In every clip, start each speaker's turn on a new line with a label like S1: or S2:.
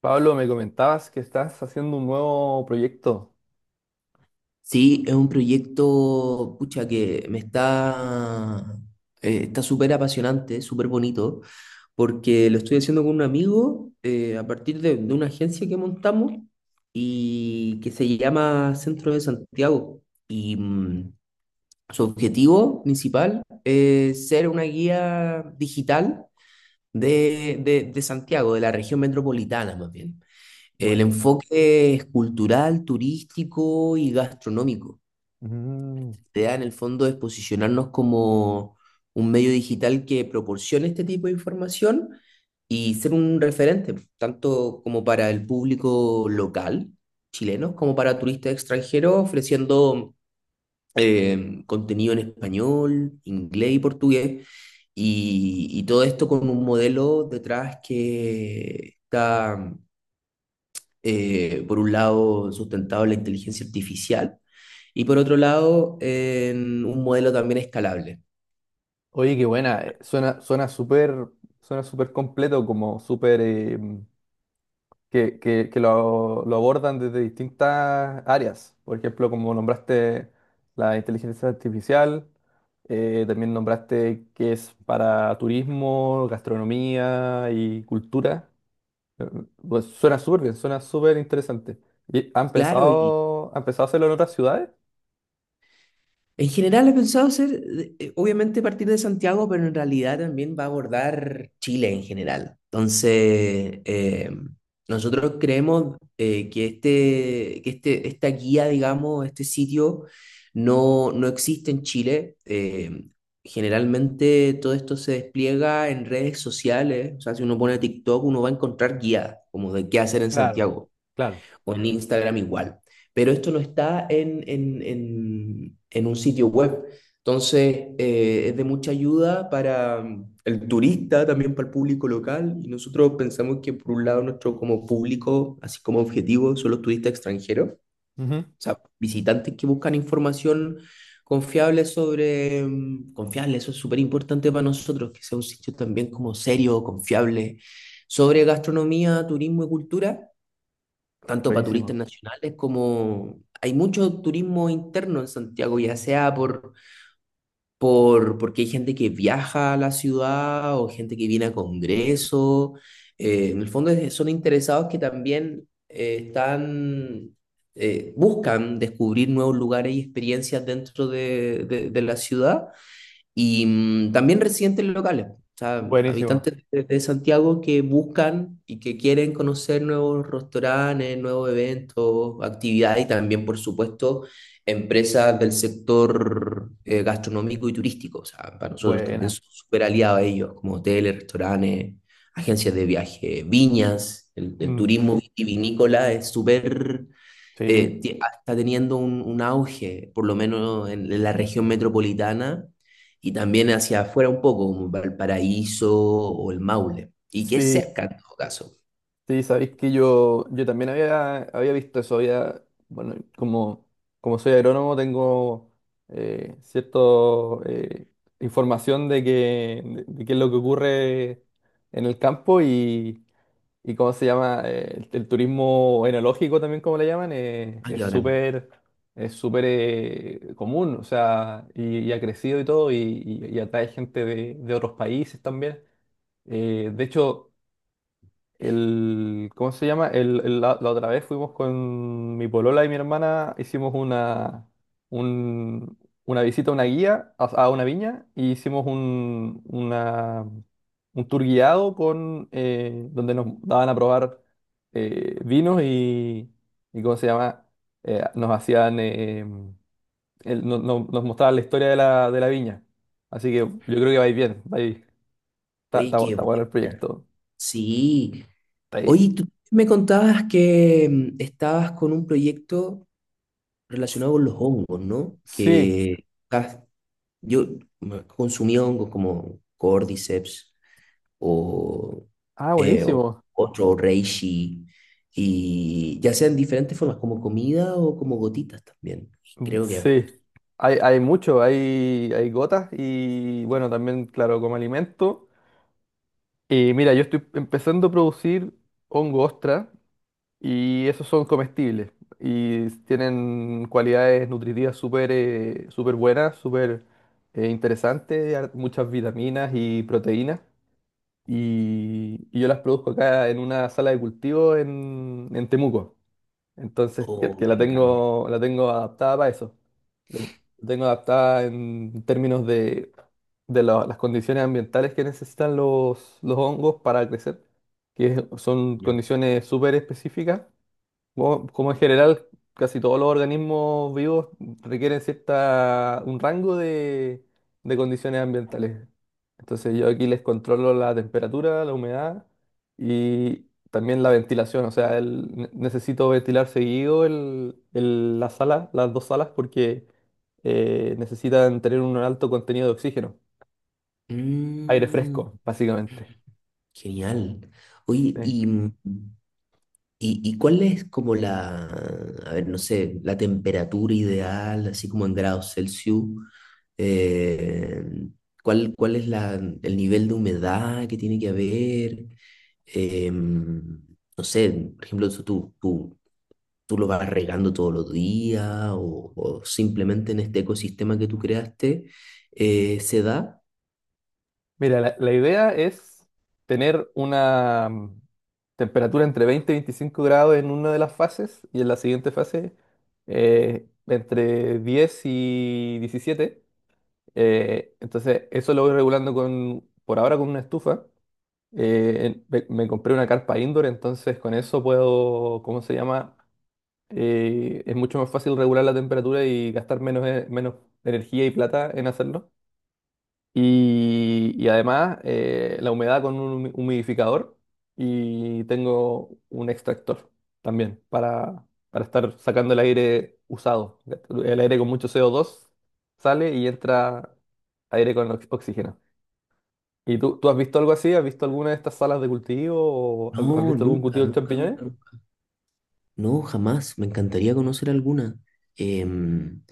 S1: Pablo, me comentabas que estás haciendo un nuevo proyecto.
S2: Sí, es un proyecto, pucha, que me está, está súper apasionante, súper bonito, porque lo estoy haciendo con un amigo a partir de una agencia que montamos y que se llama Centro de Santiago. Y mm, su objetivo principal es ser una guía digital de Santiago, de la región metropolitana más bien. El
S1: Bueno.
S2: enfoque es cultural, turístico y gastronómico.
S1: Mm.
S2: Idea en el fondo es posicionarnos como un medio digital que proporcione este tipo de información y ser un referente, tanto como para el público local chileno, como para turistas extranjeros, ofreciendo contenido en español, inglés y portugués, y todo esto con un modelo detrás que está, por un lado, sustentado en la inteligencia artificial y por otro lado, en un modelo también escalable.
S1: Oye, qué buena. Suena, suena súper completo, como súper que lo abordan desde distintas áreas. Por ejemplo, como nombraste la inteligencia artificial, también nombraste que es para turismo, gastronomía y cultura. Eh, Pues suena súper bien, suena súper interesante. ¿Y han
S2: Claro, y
S1: pensado, han pensado hacerlo en otras ciudades?
S2: en general he pensado hacer, obviamente, partir de Santiago, pero en realidad también va a abordar Chile en general. Entonces, nosotros creemos que, este, esta guía, digamos, este sitio, no, no existe en Chile. Generalmente todo esto se despliega en redes sociales, o sea, si uno pone TikTok, uno va a encontrar guías como de qué hacer en
S1: Claro,
S2: Santiago.
S1: claro.
S2: O en Instagram igual. Pero esto no está en un sitio web. Entonces, es de mucha ayuda para el turista, también para el público local. Y nosotros pensamos que, por un lado, nuestro como público, así como objetivo, son los turistas extranjeros, o
S1: Ujú.
S2: sea, visitantes que buscan información confiable sobre... confiable, eso es súper importante para nosotros, que sea un sitio también como serio, confiable, sobre gastronomía, turismo y cultura, tanto para
S1: Buenísimo.
S2: turistas nacionales, como hay mucho turismo interno en Santiago, ya sea por, porque hay gente que viaja a la ciudad o gente que viene a congresos. En el fondo son interesados que también están buscan descubrir nuevos lugares y experiencias dentro de la ciudad y también residentes locales, o sea,
S1: Buenísimo.
S2: habitantes de Santiago que buscan y que quieren conocer nuevos restaurantes, nuevos eventos, actividades y también, por supuesto, empresas del sector gastronómico y turístico. O sea, para nosotros también
S1: Buena.
S2: son súper aliados a ellos, como hoteles, restaurantes, agencias de viaje, viñas. El
S1: Mm,
S2: turismo vitivinícola es súper
S1: sí.
S2: eh, ti- está teniendo un auge, por lo menos en la región metropolitana, y también hacia afuera un poco, como Valparaíso o el Maule, y que es
S1: Sí,
S2: cerca en todo caso.
S1: sí, sabéis que yo también había visto eso, había, bueno, como, como soy agrónomo tengo cierta información de, que, de qué es lo que ocurre en el campo y... ¿Y cómo se llama? El turismo enológico también, como le llaman,
S2: Ah, qué
S1: es
S2: bacán.
S1: súper, es súper común. O sea, y ha crecido y todo, y, y atrae gente de otros países también. De hecho, el, ¿cómo se llama? El, la otra vez fuimos con mi polola y mi hermana, hicimos una, un- una visita a una guía, a una viña, y hicimos un, un tour guiado con, donde nos daban a probar vinos y ¿cómo se llama? Nos hacían, nos mostraban la historia de la viña. Así que yo creo que vais bien, vais,
S2: Oye, qué
S1: está bueno el
S2: buena.
S1: proyecto.
S2: Sí.
S1: Está ahí.
S2: Oye, tú me contabas que estabas con un proyecto relacionado con los hongos, ¿no?
S1: Sí.
S2: Que ah, yo consumí hongos como Cordyceps o,
S1: Ah,
S2: eh, o-
S1: buenísimo.
S2: otro Reishi, y ya sean diferentes formas, como comida o como gotitas también. Y
S1: Mm,
S2: creo que
S1: sí, hay mucho, hay gotas y bueno, también, claro, como alimento. Y mira, yo estoy empezando a producir hongo ostra y esos son comestibles y tienen cualidades nutritivas súper súper buenas, súper interesantes, muchas vitaminas y proteínas. Y yo las produzco acá en una sala de cultivo en Temuco. Entonces,
S2: oh,
S1: que
S2: qué bacán.
S1: la tengo adaptada para eso. La tengo adaptada en términos de, las condiciones ambientales que necesitan los hongos para crecer, que son
S2: Ya.
S1: condiciones súper específicas como, como en general, casi todos los organismos vivos requieren cierta, un rango de condiciones ambientales. Entonces yo aquí les controlo la temperatura, la humedad y también la ventilación. O sea, necesito ventilar seguido el, la sala, las dos salas porque necesitan tener un alto contenido de oxígeno, aire
S2: Mm,
S1: fresco, básicamente.
S2: genial. Oye,
S1: ¿Sí?
S2: y, y, ¿y cuál es como la, a ver, no sé, la temperatura ideal, así como en grados Celsius? Eh, ¿Cuál, cuál es la, el nivel de humedad que tiene que haber? Em, no sé, por ejemplo, eso tú, tú, tú lo vas regando todos los días o simplemente en este ecosistema que tú creaste se da.
S1: Mira, la idea es tener una temperatura entre 20 y 25 grados en una de las fases y en la siguiente fase entre 10 y 17. Entonces, eso lo voy regulando con, por ahora con una estufa. Me, me compré una carpa indoor, entonces con eso puedo, ¿cómo se llama? Es mucho más fácil regular la temperatura y gastar menos, menos energía y plata en hacerlo. Y además la humedad con un humidificador y tengo un extractor también para estar sacando el aire usado. El aire con mucho CO2 sale y entra aire con oxígeno. ¿Y tú has visto algo así? ¿Has visto alguna de estas salas de cultivo? ¿O has
S2: No,
S1: visto algún
S2: nunca,
S1: cultivo de
S2: nunca,
S1: champiñones?
S2: nunca, nunca. No, jamás. Me encantaría conocer alguna. Em,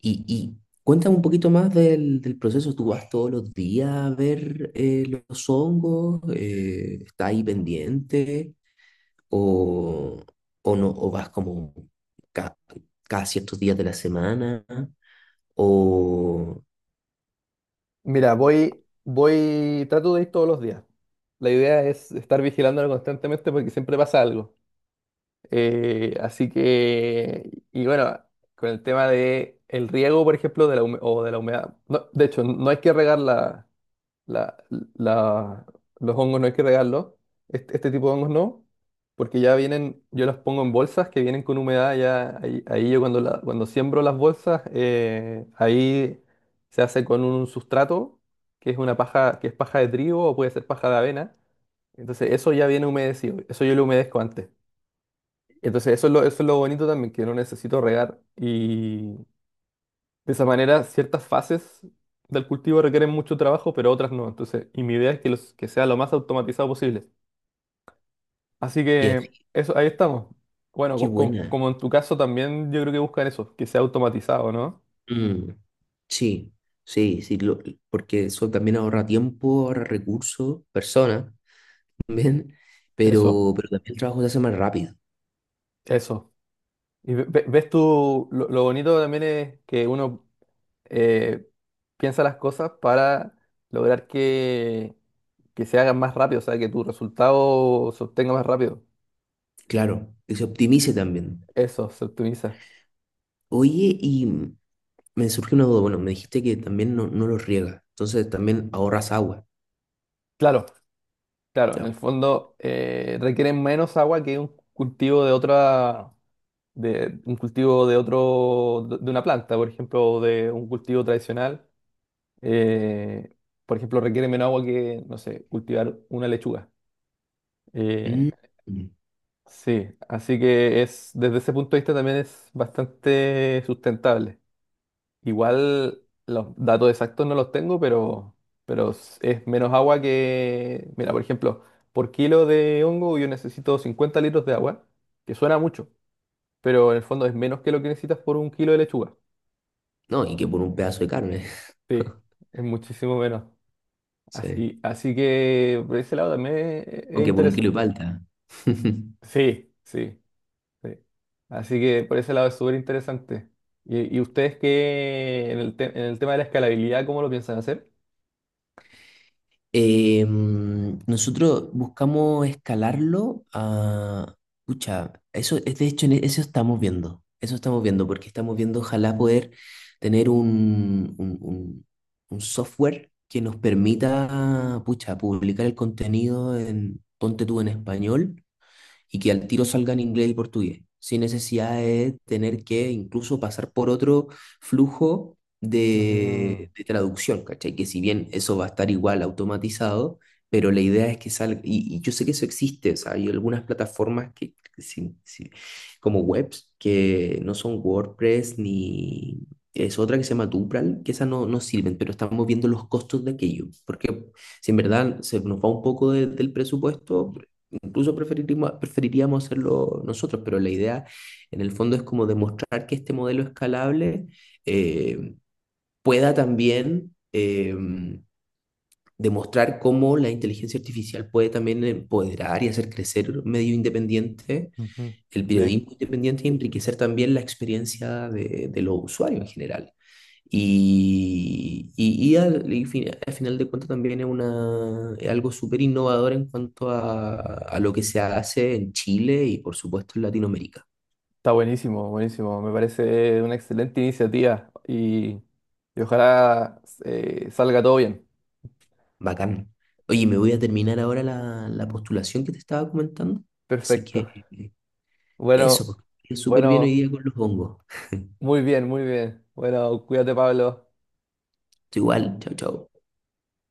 S2: y, y cuéntame un poquito más del proceso. ¿Tú vas todos los días a ver los hongos? ¿Estás ahí pendiente? ¿O, o no? ¿O vas como ca- cada ciertos días de la semana? ¿O...
S1: Mira, voy, voy, trato de ir todos los días. La idea es estar vigilándolo constantemente porque siempre pasa algo. Así que, y bueno, con el tema de el riego, por ejemplo, de la humedad. No, de hecho, no hay que regar la, la- la- los hongos, no hay que regarlos. Este tipo de hongos no, porque ya vienen, yo los pongo en bolsas que vienen con humedad. Ya ahí, ahí yo cuando, cuando siembro las bolsas, ahí se hace con un sustrato que es una paja, que es paja de trigo o puede ser paja de avena. Entonces, eso ya viene humedecido. Eso yo lo humedezco antes. Entonces, eso es lo bonito también, que no necesito regar. Y de esa manera, ciertas fases del cultivo requieren mucho trabajo, pero otras no. Entonces, y mi idea es que, los, que sea lo más automatizado posible. Así
S2: Y así,
S1: que eso, ahí estamos. Bueno,
S2: qué buena.
S1: como en tu caso también yo creo que buscan eso, que sea automatizado, ¿no?
S2: Mm, sí, sí, sí. Porque eso también ahorra tiempo, ahorra recursos, personas. También,
S1: Eso,
S2: pero también el trabajo se hace más rápido,
S1: eso. Y ves tú, lo bonito también es que uno eh, piensa las cosas para lograr que se hagan más rápido, o sea, que tu resultado se obtenga más rápido.
S2: claro, que se optimice también.
S1: Eso se optimiza.
S2: Oye, y me surge una duda, bueno, me dijiste que también no, no lo riegas, entonces también ahorras agua.
S1: Claro, claro, en el
S2: Ya.
S1: fondo requieren menos agua que un cultivo de otra, de un cultivo de otro, de una planta, por ejemplo, o de un cultivo tradicional. eh, por ejemplo, requiere menos agua que, no sé, cultivar una lechuga. Eh,
S2: Mm, mm.
S1: sí, así que es, desde ese punto de vista también es bastante sustentable. Igual los datos exactos no los tengo, pero, es menos agua que... Mira, por ejemplo, por kilo de hongo yo necesito 50 litros de agua, que suena mucho, pero en el fondo es menos que lo que necesitas por un kilo de lechuga.
S2: No, y que por un pedazo de carne,
S1: Sí, es muchísimo menos.
S2: sí.
S1: Así, así que por ese lado también
S2: O
S1: es
S2: que por un kilo de
S1: interesante.
S2: palta.
S1: Sí, sí, sí. Así que por ese lado es súper interesante. Y ustedes qué, en el tema de la escalabilidad, cómo lo piensan hacer?
S2: Eh, nosotros buscamos escalarlo a... Pucha, eso es de hecho, en eso estamos viendo. Eso estamos viendo, porque estamos viendo ojalá poder tener un, un software que nos permita, pucha, publicar el contenido en, ponte tú en español y que al tiro salgan inglés y portugués, sin necesidad de tener que incluso pasar por otro flujo
S1: Mm,
S2: de traducción, ¿cachai? Que si bien eso va a estar igual automatizado, pero la idea es que salga, y yo sé que eso existe, o sea, hay algunas plataformas que, sí, como webs que no son WordPress ni... Es otra que se llama Dupral, que esas no, no sirven, pero estamos viendo los costos de aquello, porque si en verdad se nos va un poco del presupuesto. Incluso preferiríamos, preferiríamos hacerlo nosotros, pero la idea en el fondo es como demostrar que este modelo escalable eh, pueda también demostrar cómo la inteligencia artificial puede también empoderar y hacer crecer un medio independiente,
S1: ujú.
S2: el
S1: Sí,
S2: periodismo independiente, y enriquecer también la experiencia de los usuarios en general. Y al final de cuentas también es, una, es algo súper innovador en cuanto a lo que se hace en Chile y por supuesto en Latinoamérica.
S1: está buenísimo, buenísimo. Me parece una excelente iniciativa y ojalá salga todo bien.
S2: Bacán. Oye, me voy a terminar ahora la, la postulación que te estaba comentando. Así
S1: Perfecto.
S2: que
S1: Bueno,
S2: eso, pues, que estés súper bien hoy
S1: bueno,
S2: día con los hongos.
S1: muy bien, muy bien. Bueno, cuídate, Pablo.
S2: Tú igual, chao, chao.